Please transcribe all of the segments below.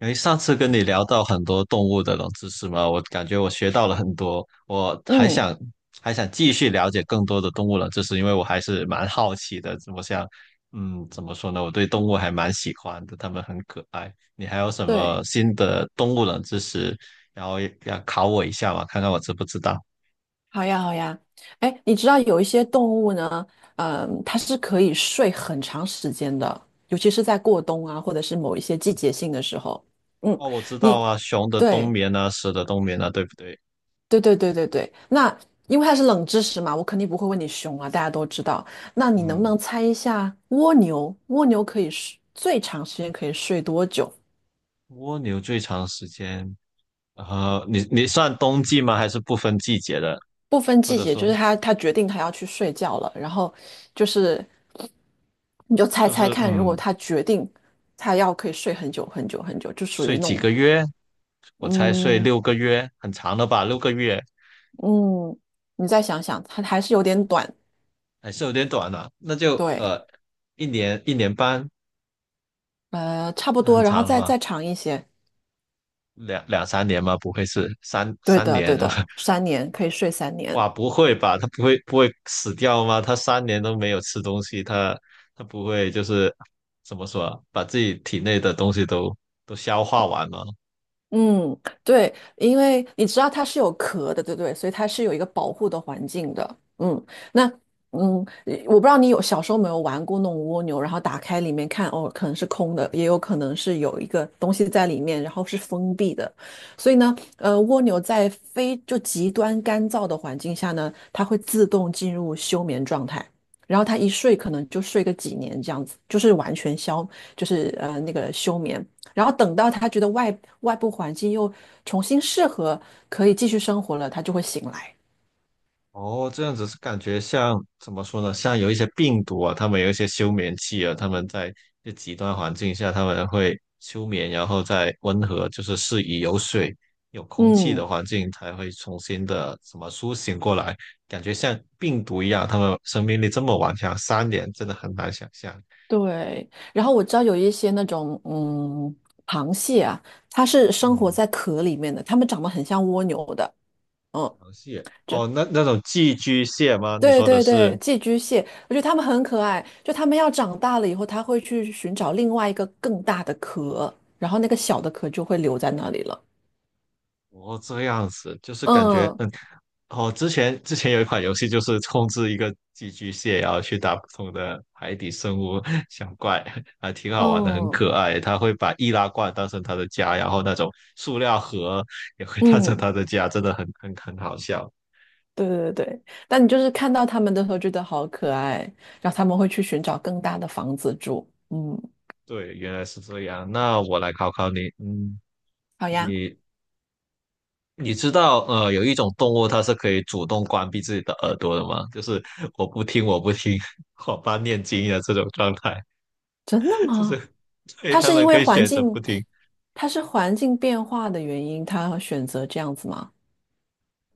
诶，上次跟你聊到很多动物的冷知识嘛，我感觉我学到了很多，我还嗯，想还想继续了解更多的动物冷知识，因为我还是蛮好奇的。我想，怎么说呢？我对动物还蛮喜欢的，它们很可爱。你还有什么对，新的动物冷知识，然后也要考我一下嘛，看看我知不知道？好呀，好呀。哎，你知道有一些动物呢，它是可以睡很长时间的，尤其是在过冬啊，或者是某一些季节性的时候。嗯，哦，我知道你啊，熊的冬对，眠啊，蛇的冬眠啊，对不对？对。那因为它是冷知识嘛，我肯定不会问你熊啊，大家都知道。那你能不嗯，能猜一下蜗牛？蜗牛可以睡最长时间可以睡多久？蜗牛最长时间，你算冬季吗？还是不分季节的？不分或季者节，就是说他决定他要去睡觉了，然后就是你就猜就猜是看，如果嗯，他决定他要可以睡很久很久很久，就属于睡那几种。个月，我才睡嗯六个月，很长的吧？六个月嗯，你再想想，它还是有点短，还是有点短了，那就对，一年1年半，差不那很多，然后长的再话，再长一些，两三年吗？不会是三对三的年？对的，三年可以睡三年，哇，不会吧？他不会死掉吗？他三年都没有吃东西，他不会就是怎么说啊，把自己体内的东西都消化完吗？嗯，对，因为你知道它是有壳的，对不对？所以它是有一个保护的环境的。嗯，那我不知道你有小时候有没有玩过那种蜗牛，然后打开里面看，哦，可能是空的，也有可能是有一个东西在里面，然后是封闭的。所以呢，蜗牛在非就极端干燥的环境下呢，它会自动进入休眠状态。然后它一睡可能就睡个几年这样子，就是那个休眠。然后等到他觉得外部环境又重新适合，可以继续生活了，他就会醒来。哦，这样子是感觉像怎么说呢？像有一些病毒啊，他们有一些休眠期啊，他们在这极端环境下，他们会休眠，然后再温和，就是适宜有水、有空气的嗯，环境才会重新的什么苏醒过来。感觉像病毒一样，他们生命力这么顽强，三年真的很难想象。对，然后我知道有一些那种螃蟹啊，它是生活嗯，在壳里面的，它们长得很像蜗牛的，嗯，螃蟹就哦，那种寄居蟹吗？你对说的对是？对，寄居蟹，我觉得它们很可爱，就它们要长大了以后，它会去寻找另外一个更大的壳，然后那个小的壳就会留在那里了。哦，这样子就是感觉，嗯嗯，哦，之前有一款游戏就是控制一个寄居蟹，然后去打不同的海底生物小怪，还挺好玩的，很嗯可爱。它会把易拉罐当成它的家，然后那种塑料盒也会当成嗯，它的家，真的很好笑。对对对，但你就是看到他们的时候觉得好可爱，然后他们会去寻找更大的房子住。嗯，对，原来是这样。那我来考考你，嗯，好呀，你你知道，有一种动物它是可以主动关闭自己的耳朵的吗？就是我不听，我不听，我爸念经的这种状态。真的 就是吗？所以它他是因们为可以环选择不境，听。它是环境变化的原因，它选择这样子吗？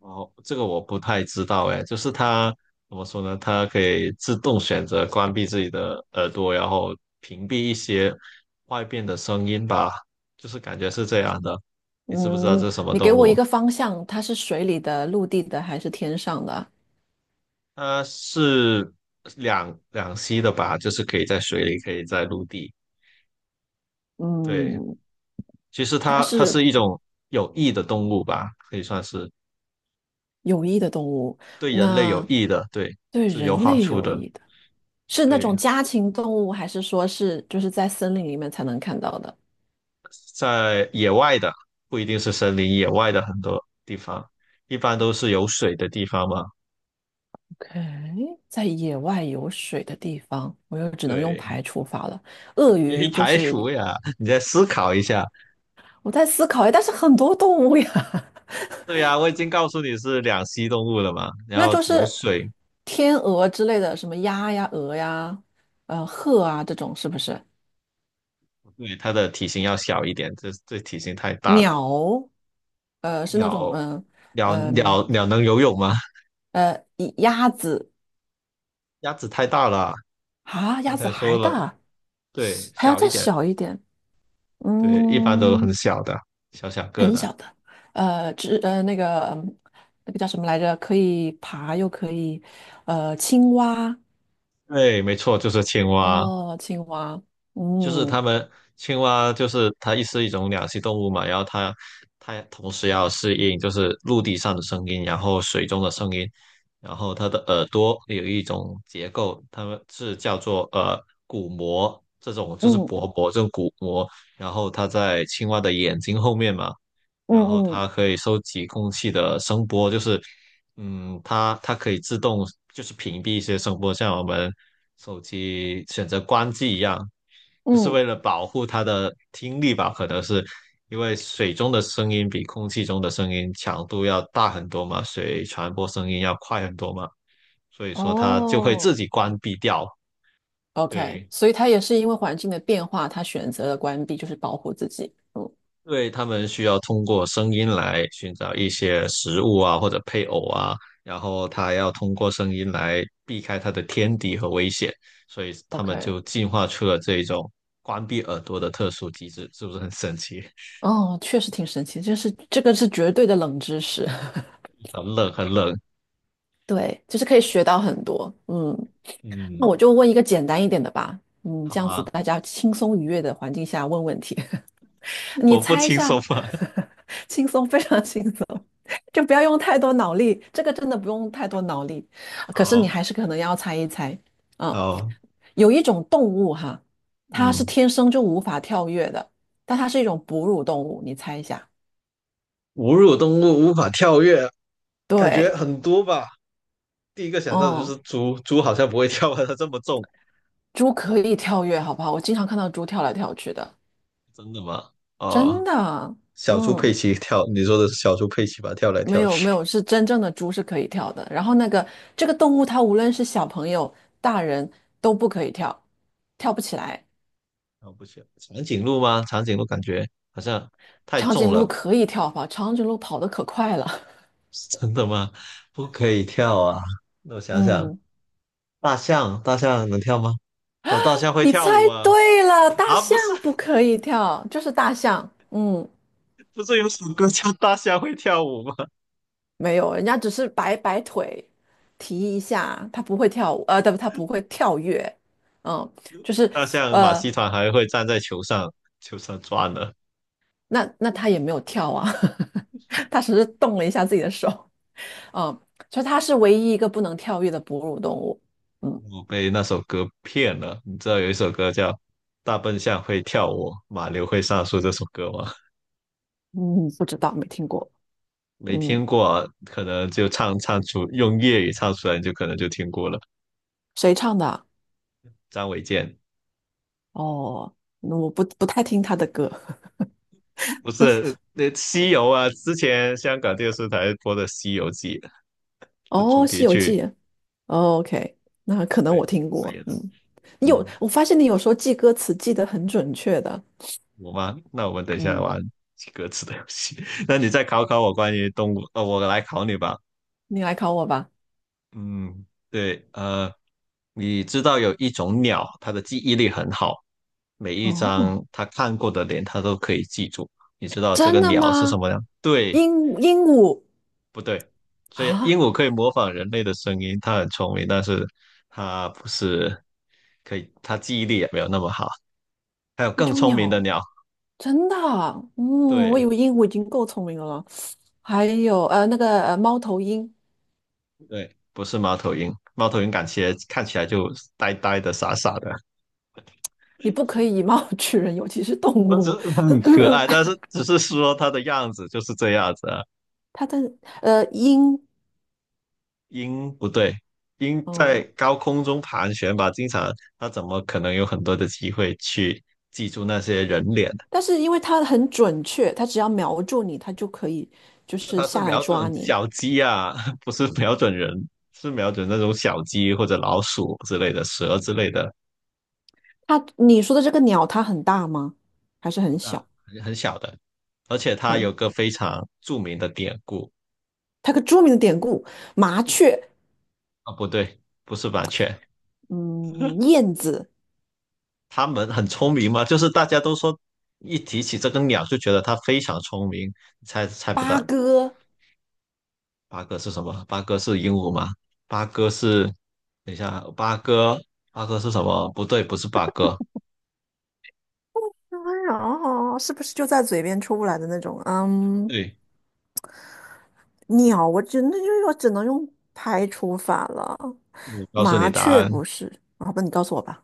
哦，这个我不太知道哎，就是它怎么说呢？它可以自动选择关闭自己的耳朵，然后屏蔽一些外边的声音吧，就是感觉是这样的。你知不知道嗯，这是什么你给动我一物？个方向，它是水里的、陆地的还是天上的？它是两栖的吧，就是可以在水里，可以在陆地。对，嗯，其实它它是是一种有益的动物吧，可以算是有益的动物，对人类有那益的，对，对是有人好类处有的。益的，是那种对。家禽动物，还是说是就是在森林里面才能看到的？在野外的，不一定是森林，野外的很多地方，一般都是有水的地方嘛。OK，在野外有水的地方，我又只能用对，排除法了。鳄因为鱼就排是除呀，你再思考一下。我在思考，哎，但是很多动物呀，对呀，我已经告诉你是两栖动物了嘛，然那后就有是水，天鹅之类的，什么鸭呀、鹅呀、鹤啊这种，是不是？对，它的体型要小一点，这体型太大了。鸟，是那种，鸟，嗯、鸟能游泳吗？鸭子鸭子太大了，啊，刚鸭子才还说了，大，对，还要小再一点，小一点，对，一般都很嗯。小的，小小个的。呃，只呃那个嗯那个叫什么来着？可以爬又可以，青蛙。对，没错，就是青蛙。哦，青蛙，就是它嗯们青蛙，就是它是一种两栖动物嘛，然后它同时要适应就是陆地上的声音，然后水中的声音，然后它的耳朵有一种结构，它们是叫做鼓膜，这种就是嗯薄膜，这种鼓膜，然后它在青蛙的眼睛后面嘛，嗯然后嗯它可以收集空气的声波，就是。嗯，它可以自动就是屏蔽一些声波，像我们手机选择关机一样，就是嗯，为了保护它的听力吧？可能是因为水中的声音比空气中的声音强度要大很多嘛，水传播声音要快很多嘛，所以说它就会哦，自己关闭掉。，OK，对，所以它也是因为环境的变化，它选择了关闭，就是保护自己。嗯对，他们需要通过声音来寻找一些食物啊，或者配偶啊，然后他要通过声音来避开他的天敌和危险，所以他们，OK。就进化出了这种关闭耳朵的特殊机制，是不是很神奇？哦，确实挺神奇，就是这个是绝对的冷知识，很冷，很冷。对，就是可以学到很多。嗯，那嗯，我就问一个简单一点的吧，嗯，好这样子啊，大家轻松愉悦的环境下问问题。你我不猜一轻下，松吧？轻松，非常轻松，就不要用太多脑力，这个真的不用太多脑力。可是你好，还是可能要猜一猜，嗯，好，有一种动物哈，它是嗯，天生就无法跳跃的，但它是一种哺乳动物，你猜一下。哺乳动物无法跳跃，感觉对，很多吧。第一个想到的就嗯，是猪，猪好像不会跳啊，它这么重。猪可以跳跃，好不好？我经常看到猪跳来跳去的，真的吗？真哦。的，小猪佩嗯。奇跳，你说的是小猪佩奇吧？跳来没跳有没去，有，是真正的猪是可以跳的。然后这个动物，它无论是小朋友、大人都不可以跳，跳不起来。啊、不行，长颈鹿吗？长颈鹿感觉好像太长重颈鹿了，可以跳吧？长颈鹿跑得可快了。真的吗？不可以跳啊！那我 想想，嗯，大象，大象能跳吗？哦，大象会你跳猜舞啊！对了，大啊，象不是，不可以跳，就是大象。嗯，不是有首歌叫《大象会跳舞》吗？没有，人家只是摆摆腿，提一下，它不会跳舞，呃，对不，它不会跳跃。嗯，就是大象马呃，戏团还会站在球上，球上转呢。那那它也没有跳啊，它只是动了一下自己的手。嗯，就它是唯一一个不能跳跃的哺乳动物。嗯我被那首歌骗了，你知道有一首歌叫《大笨象会跳舞，马骝会上树》这首歌吗？嗯，不知道，没听过。没嗯，听过，可能就唱出用粤语唱出来，你就可能就听过了。谁唱的啊？张卫健 哦，我不太听他的歌。不但是是那《西游》啊，之前香港电视台播的《西游记》的哦，主题《西游曲，记》，哦，OK，那可能我对，听扮过。演的。嗯，你有，嗯，我发现你有时候记歌词记得很准确的。我吗？那我们等一下嗯，玩歌词的游戏。那你再考考我关于动物，我来考你吧。你来考我吧。嗯，对，你知道有一种鸟，它的记忆力很好，每一哦，张它看过的脸，它都可以记住。你知道这真个的鸟是什吗？么吗？鹦对，鹦鹉不对？所以啊，鹦鹉可以模仿人类的声音，它很聪明，但是它不是可以，它记忆力也没有那么好。还有一更种聪明的鸟，鸟，真的啊嗯，我对以为鹦鹉已经够聪明了。还有猫头鹰，对，不是猫头鹰，猫头鹰感觉看起来就呆呆的、傻傻的，你不可以以貌取人，尤其是动我只是物。很可爱，但是 只是说它的样子就是这样子啊。它的音。鹰不对，鹰在哦，高空中盘旋吧，经常它怎么可能有很多的机会去记住那些人脸？但 是因为它很准确，它只要瞄住你，它就可以就那是它是下来瞄准抓你。小鸡啊，不是瞄准人，是瞄准那种小鸡或者老鼠之类的、蛇之类的，它你说的这个鸟，它很大吗？还是不很大，小？很小的。而且它有很，个非常著名的典故，它个著名的典故，麻对雀，啊，不对，不是麻雀，嗯，燕子，它们很聪明嘛，就是大家都说一提起这个鸟就觉得它非常聪明，猜不八到，哥，八哥是什么？八哥是鹦鹉吗？八哥是，等一下，八哥，八哥是什么？不对，不是八哥。哎呀是不是就在嘴边出不来的那种？嗯，对，鸟，我真的就是我只能用排除法了。我告诉你麻答雀案，不是，好吧，你告诉我吧。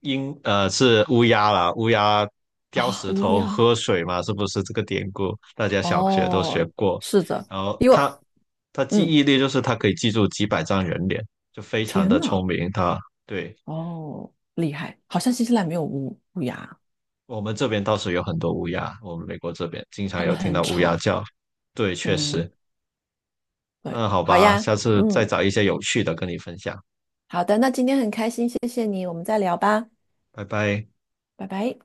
是乌鸦啦，乌鸦叼啊，石乌头鸦，喝水嘛，是不是这个典故？大家小学都学哦，过。是的，然后因为它，它记嗯，忆力就是它可以记住几百张人脸，就非常天的聪呐，明。它，对，哦，厉害，好像新西兰没有乌鸦，我们这边倒是有很多乌鸦，我们美国这边经常它们有听很到乌鸦吵。叫。对，确嗯，实。对，嗯，好好吧，呀，下次再嗯，找一些有趣的跟你分享，好的，那今天很开心，谢谢你，我们再聊吧，拜拜。拜拜。